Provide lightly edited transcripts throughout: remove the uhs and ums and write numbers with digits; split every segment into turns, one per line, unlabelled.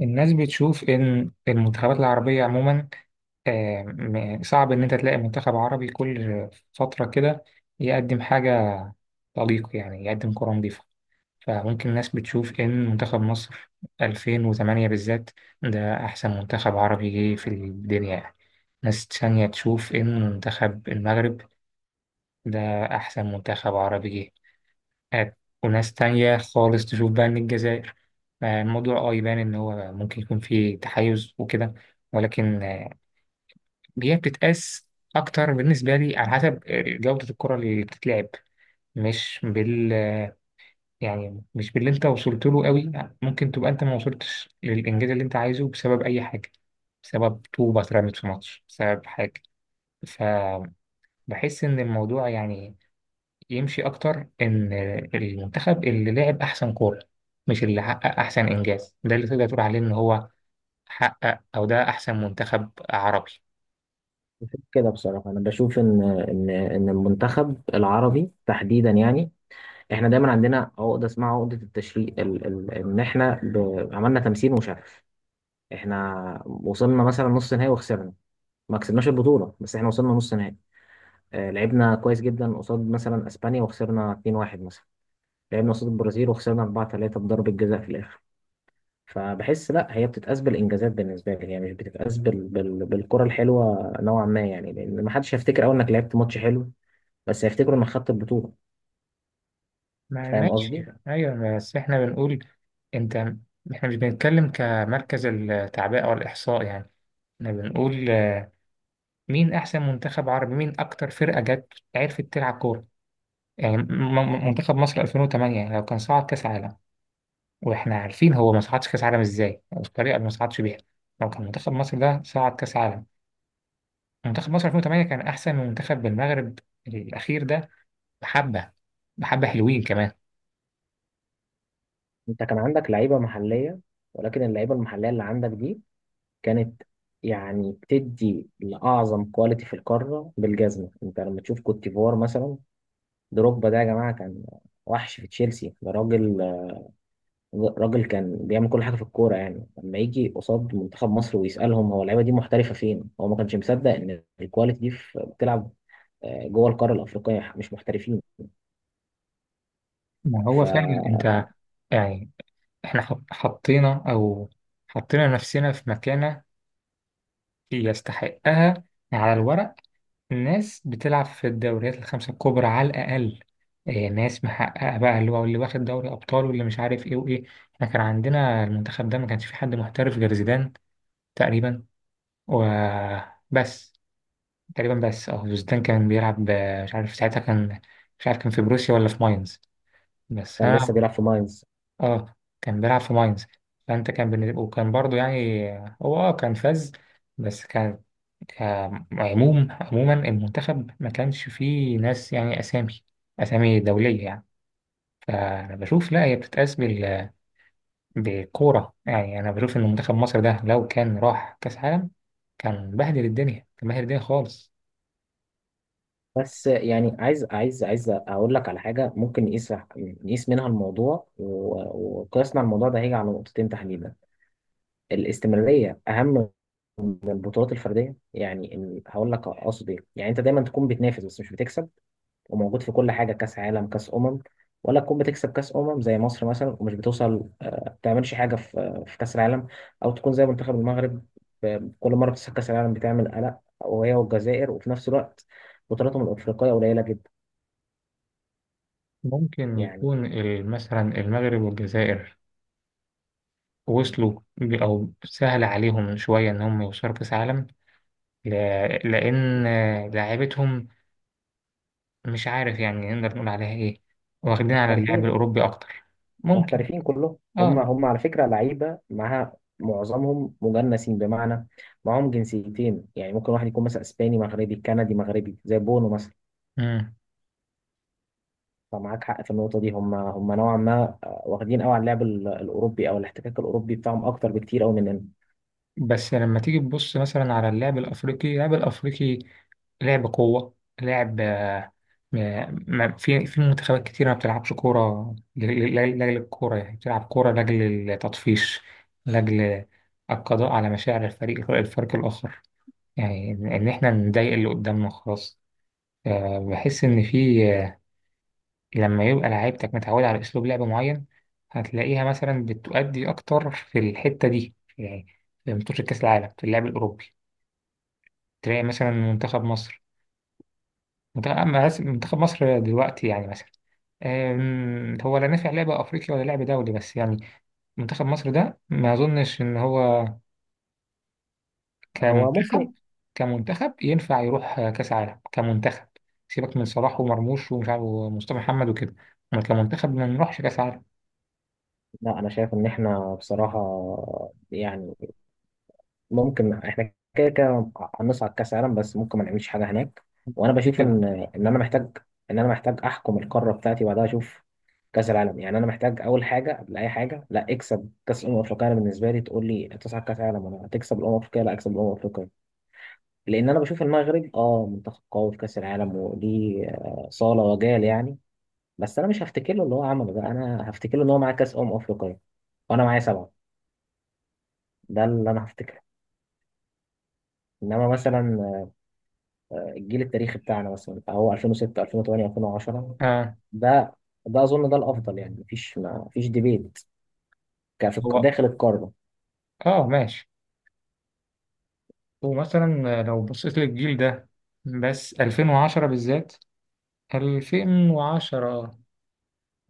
الناس بتشوف إن المنتخبات العربية عموما. صعب إن أنت تلاقي منتخب عربي كل فترة كده يقدم حاجة طليق، يعني يقدم كرة نظيفة. فممكن الناس بتشوف إن منتخب مصر 2008 بالذات ده أحسن منتخب عربي جه في الدنيا يعني. ناس تانية تشوف إن منتخب المغرب ده أحسن منتخب عربي جه. آه، وناس تانية خالص تشوف بقى إن الجزائر. الموضوع يبان إن هو ممكن يكون فيه تحيز وكده، ولكن هي بتتقاس أكتر بالنسبة لي على حسب جودة الكرة اللي بتتلعب. مش بال يعني مش باللي أنت وصلت له قوي. ممكن تبقى أنت ما وصلتش للإنجاز اللي أنت عايزه بسبب أي حاجة، بسبب طوبة اترمت في ماتش، بسبب حاجة. فبحس إن الموضوع يعني يمشي أكتر إن المنتخب اللي لعب أحسن كورة، مش اللي حقق أحسن إنجاز، ده اللي تقدر تقول عليه إن هو حقق أو ده أحسن منتخب عربي.
كده بصراحة أنا بشوف إن المنتخب العربي تحديدا، يعني إحنا دايما عندنا عقدة اسمها عقدة التشريق، ال ال إن إحنا عملنا تمثيل مشرف. إحنا وصلنا مثلا نص نهائي وخسرنا، ما كسبناش البطولة، بس إحنا وصلنا نص نهائي. لعبنا كويس جدا قصاد مثلا أسبانيا وخسرنا 2-1 مثلا. لعبنا قصاد البرازيل وخسرنا 4-3 بضربة جزاء في الآخر. فبحس لا، هي بتتقاس بالانجازات. بالنسبه لي هي مش بتتقاس بالكره الحلوه نوعا ما، يعني لان ما حدش هيفتكر اول انك لعبت ماتش حلو، بس هيفتكروا انك خدت البطوله.
ما
فاهم
ماشي،
قصدي؟
أيوة، بس إحنا بنقول أنت، إحنا مش بنتكلم كمركز التعبئة أو الإحصاء يعني. إحنا بنقول مين أحسن منتخب عربي، مين أكتر فرقة جت عرفت تلعب كورة. يعني منتخب مصر 2008، يعني لو كان صعد كأس عالم، واحنا عارفين هو ما صعدش كاس عالم ازاي، او الطريقه اللي ما صعدش بيها. لو كان منتخب مصر ده صعد كاس عالم، منتخب مصر 2008 كان احسن من منتخب المغرب الاخير ده. بحبه، بحبه، حلوين كمان.
انت كان عندك لعيبه محليه، ولكن اللعيبه المحليه اللي عندك دي كانت، يعني، بتدي لاعظم كواليتي في القاره بالجزمه. انت لما تشوف كوت ديفوار مثلا، دروجبا ده يا جماعه كان وحش في تشيلسي. ده راجل، راجل كان بيعمل كل حاجه في الكوره. يعني لما يجي قصاد منتخب مصر ويسالهم هو اللعيبه دي محترفه فين، هو ما كانش مصدق ان الكواليتي دي بتلعب جوه القاره الافريقيه، مش محترفين.
ما هو
ف
فعلا انت يعني احنا حطينا، او حطينا نفسنا في مكانه يستحقها على الورق. ناس بتلعب في الدوريات الخمسة الكبرى على الأقل، إيه، ناس محققة بقى اللي هو اللي واخد دوري أبطال واللي مش عارف إيه وإيه. إحنا كان عندنا المنتخب ده ما كانش فيه حد محترف غير زيدان تقريبا وبس. تقريبا، بس أه زيدان كان بيلعب، مش عارف ساعتها كان، مش عارف كان في بروسيا ولا في ماينز. بس
كان
أنا،
لسه بيلعب في ماينز.
اه كان بيلعب في ماينز. فانت كان بالنسبة، وكان برضو يعني هو اه كان فاز، بس كان كعموم، عموما المنتخب ما كانش فيه ناس، يعني اسامي، اسامي دولية يعني. فانا بشوف لا، هي بتتقاس بالكورة. يعني انا بشوف ان منتخب مصر ده لو كان راح كاس عالم، كان بهدل الدنيا، كان بهدل الدنيا خالص.
بس يعني عايز اقول لك على حاجه ممكن نقيس منها الموضوع، وقياسنا على الموضوع ده هيجي على نقطتين تحديدا. الاستمراريه اهم من البطولات الفرديه، يعني هقول لك اقصد ايه. يعني انت دايما تكون بتنافس بس مش بتكسب، وموجود في كل حاجه، كاس عالم، كاس امم. ولا تكون بتكسب كاس زي مصر مثلا ومش بتوصل، ما بتعملش حاجه في كاس العالم. او تكون زي منتخب المغرب، كل مره بتكسب كاس العالم بتعمل قلق، وهي والجزائر، وفي نفس الوقت بطولاتهم الافريقيه قليله جدا.
ممكن
يعني
يكون مثلا المغرب والجزائر وصلوا او سهل عليهم شوية ان هم يوصلوا كاس عالم، لأن لعيبتهم، مش عارف يعني نقدر نقول عليها إيه، واخدين على اللعب
محترفين
الأوروبي أكتر. ممكن.
محترفين كلهم هم
آه.
هم على فكرة لعيبة معاها، معظمهم مجنسين، بمعنى معاهم جنسيتين، يعني ممكن واحد يكون مثلا اسباني مغربي، كندي مغربي، زي بونو مثلا.
مم.
فمعاك حق في النقطة دي. هم نوعا ما واخدين قوي على اللعب الأوروبي أو الاحتكاك الأوروبي بتاعهم أكتر بكتير أوي مننا.
بس لما تيجي تبص مثلا على اللعب الأفريقي، اللعب الأفريقي لعب قوة، لعب، ما في في منتخبات كتير ما بتلعبش كورة لأجل الكورة، يعني بتلعب كورة لأجل التطفيش، لأجل القضاء على مشاعر الفريق، الفريق الآخر. يعني إن إحنا نضايق اللي قدامنا خلاص. بحس إن في، لما يبقى لعيبتك متعودة على أسلوب لعب معين، هتلاقيها مثلا بتؤدي أكتر في الحتة دي يعني، في ماتش كأس العالم في اللعب الأوروبي. تلاقي مثلا منتخب مصر، منتخب أما منتخب مصر دلوقتي يعني مثلا، هو لا نافع لعب أفريقي ولا لعب دولي بس، يعني منتخب مصر ده ما أظنش إن هو
هو ممكن.
كمنتخب، كمنتخب ينفع يروح كأس عالم كمنتخب. سيبك من صلاح ومرموش ومش عارف ومصطفى محمد وكده، أما كمنتخب ما نروحش كأس عالم.
لا، أنا شايف إن إحنا بصراحة، يعني ممكن احنا كده كده هنصعد كاس عالم، بس ممكن ما نعملش حاجه هناك. وانا
دي
بشوف
كده.
ان انا محتاج، احكم القاره بتاعتي وبعدها اشوف كاس العالم. يعني انا محتاج اول حاجه قبل اي حاجه، لا، اكسب كاس الامم الافريقيه. انا بالنسبه لي، تقول لي تصعد كاس عالم ولا هتكسب الامم الافريقيه؟ لا، اكسب الامم الافريقيه. لان انا بشوف المغرب منتخب قوي في كاس العالم وليه، صاله وجال، يعني بس انا مش هفتكر له اللي هو عمله ده، انا هفتكر له ان هو معاه كاس افريقيه وانا معايا سبعه. ده اللي انا هفتكره. انما مثلا الجيل التاريخي بتاعنا مثلا فهو 2006 2008 2010.
آه.
ده ده اظن ده الافضل، يعني مفيش، ما مفيش ديبيت كفي
هو
داخل القاره.
اه ماشي. ومثلا لو بصيت للجيل ده، بس 2010 بالذات، 2010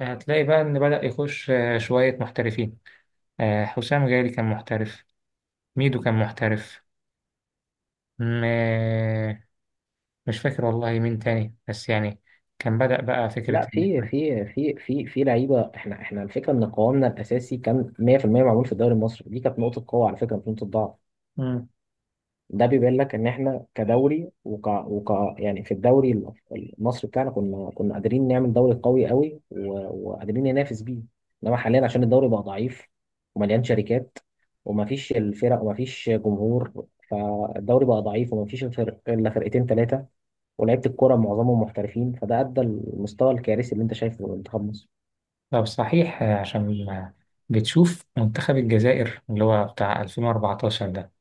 هتلاقي بقى إن بدأ يخش شوية محترفين. حسام غالي كان محترف، ميدو كان محترف، م- مش فاكر والله مين تاني، بس يعني كان بدأ بقى
لا،
فكرة إن
في
إحنا.
في في في في لعيبه. احنا الفكره ان قوامنا الاساسي كان 100% معمول في الدوري المصري، دي كانت نقطه قوه على فكره، مش نقطه ضعف.
مم.
ده بيبين لك ان احنا كدوري يعني في الدوري المصري بتاعنا، كنا قادرين نعمل دوري قوي قوي وقادرين ننافس بيه. انما حاليا عشان الدوري بقى ضعيف ومليان شركات ومفيش الفرق ومفيش جمهور، فالدوري بقى ضعيف ومفيش الفرق الا فرقتين ثلاثه، ولعيبه الكوره معظمهم محترفين، فده ادى المستوى الكارثي اللي انت شايفه في منتخب مصر.
طب صحيح، عشان بتشوف منتخب الجزائر اللي هو بتاع 2014 ده،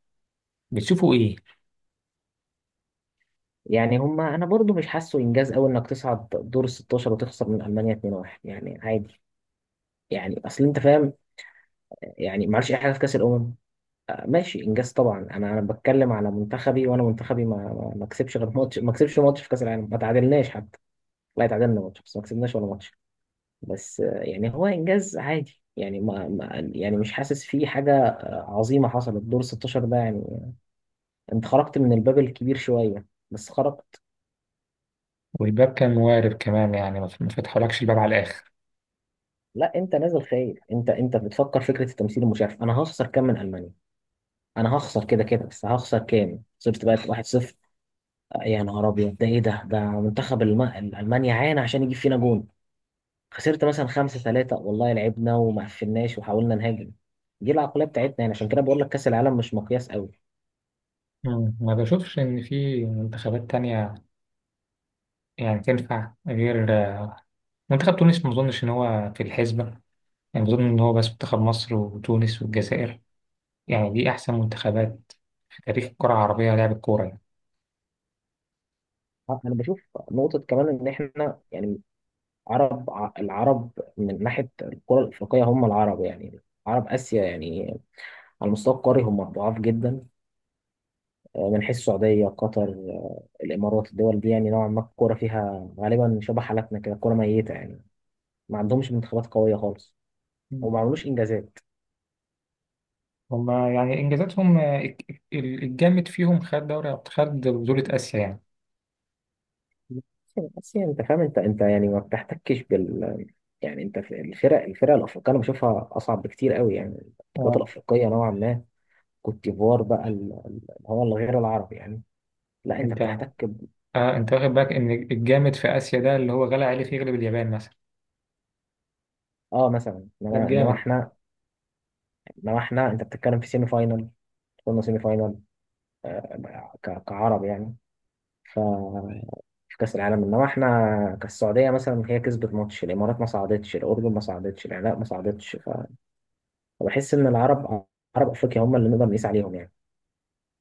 بتشوفوا إيه؟
يعني هما، انا برضو مش حاسه انجاز قوي انك تصعد دور ال 16 وتخسر من المانيا 2-1، يعني عادي. يعني اصل انت فاهم، يعني ما عملش اي حاجه في كاس الامم. ماشي انجاز طبعا. انا بتكلم على منتخبي، وانا منتخبي ما كسبش غير ماتش، ما كسبش ماتش في كاس العالم، ما تعادلناش حتى. لا، تعادلنا ماتش بس ما كسبناش ولا ماتش. بس يعني هو انجاز عادي، يعني يعني مش حاسس فيه حاجه عظيمه حصلت. دور 16 ده، يعني انت خرجت من الباب الكبير شويه، بس خرجت.
والباب كان موارب كمان يعني، ما ما فتحولكش الباب على الآخر.
لا، انت نازل خايف. انت بتفكر فكره التمثيل المشرف. انا هخسر كام من المانيا؟ انا هخسر كده كده، بس هخسر كام؟ خسرت بقى 1-0. يا نهار ابيض! ده ايه؟ ده منتخب المانيا عانى عشان يجيب فينا جون. خسرت مثلا 5-3، والله لعبنا وما قفلناش وحاولنا نهاجم. دي العقلية بتاعتنا، يعني عشان كده بقول لك كأس العالم مش مقياس قوي.
مم. ما بشوفش إن في منتخبات تانية يعني تنفع غير منتخب تونس. ما أظنش إن هو في الحسبة. يعني بظن إن هو بس منتخب مصر وتونس والجزائر، يعني دي أحسن منتخبات في تاريخ الكرة العربية لعب الكورة يعني.
انا بشوف نقطة كمان ان احنا، يعني عرب العرب من ناحية الكرة الافريقية، هم العرب يعني عرب اسيا، يعني على المستوى القاري هم ضعاف جدا. من حيث السعودية، قطر، الامارات، الدول دي يعني نوعا ما الكورة فيها غالبا شبه حالتنا كده، كورة ميتة يعني. ما عندهمش منتخبات قوية خالص،
مم.
وما عملوش انجازات.
هما يعني إنجازاتهم، الجامد فيهم خد دوري، خد بطولة آسيا يعني.
بس يعني انت فاهم، انت يعني ما بتحتكش بال، يعني انت في الفرق الافريقيه، انا بشوفها اصعب بكتير قوي، يعني القوات
آه.
الافريقيه نوعا ما. كوت ديفوار بقى، اللي هو الغير العربي يعني. لا، انت
أنت،
بتحتك ب...
آه أنت واخد بالك إن الجامد في آسيا ده اللي هو غلا عليه في يغلب اليابان مثلا.
اه مثلا،
ده
انما انما
الجامد.
احنا انما احنا انت بتتكلم في سيمي فاينل. قلنا سيمي فاينال. كعرب يعني. ف في كأس العالم انما احنا، كالسعودية مثلا هي كسبت ماتش، الامارات ما صعدتش، الاردن ما صعدتش، العراق ما صعدتش. وبحس ان العرب، عرب افريقيا هم اللي نقدر نقيس عليهم، يعني.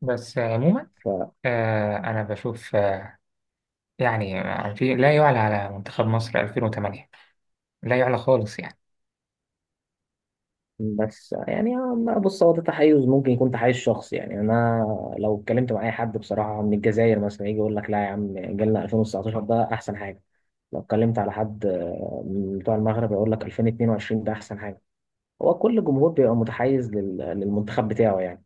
بس عموما،
ف
أنا بشوف يعني في لا يعلى على منتخب مصر 2008، لا يعلى خالص يعني.
بس يعني أما بص، هو ده تحيز، ممكن يكون تحيز شخصي، يعني انا لو اتكلمت مع اي حد بصراحه من الجزائر مثلا، يجي يقول لك لا يا عم، جيلنا 2019 ده احسن حاجه. لو اتكلمت على حد من بتوع المغرب، يقول لك 2022 ده احسن حاجه. هو كل جمهور بيبقى متحيز للمنتخب بتاعه، يعني.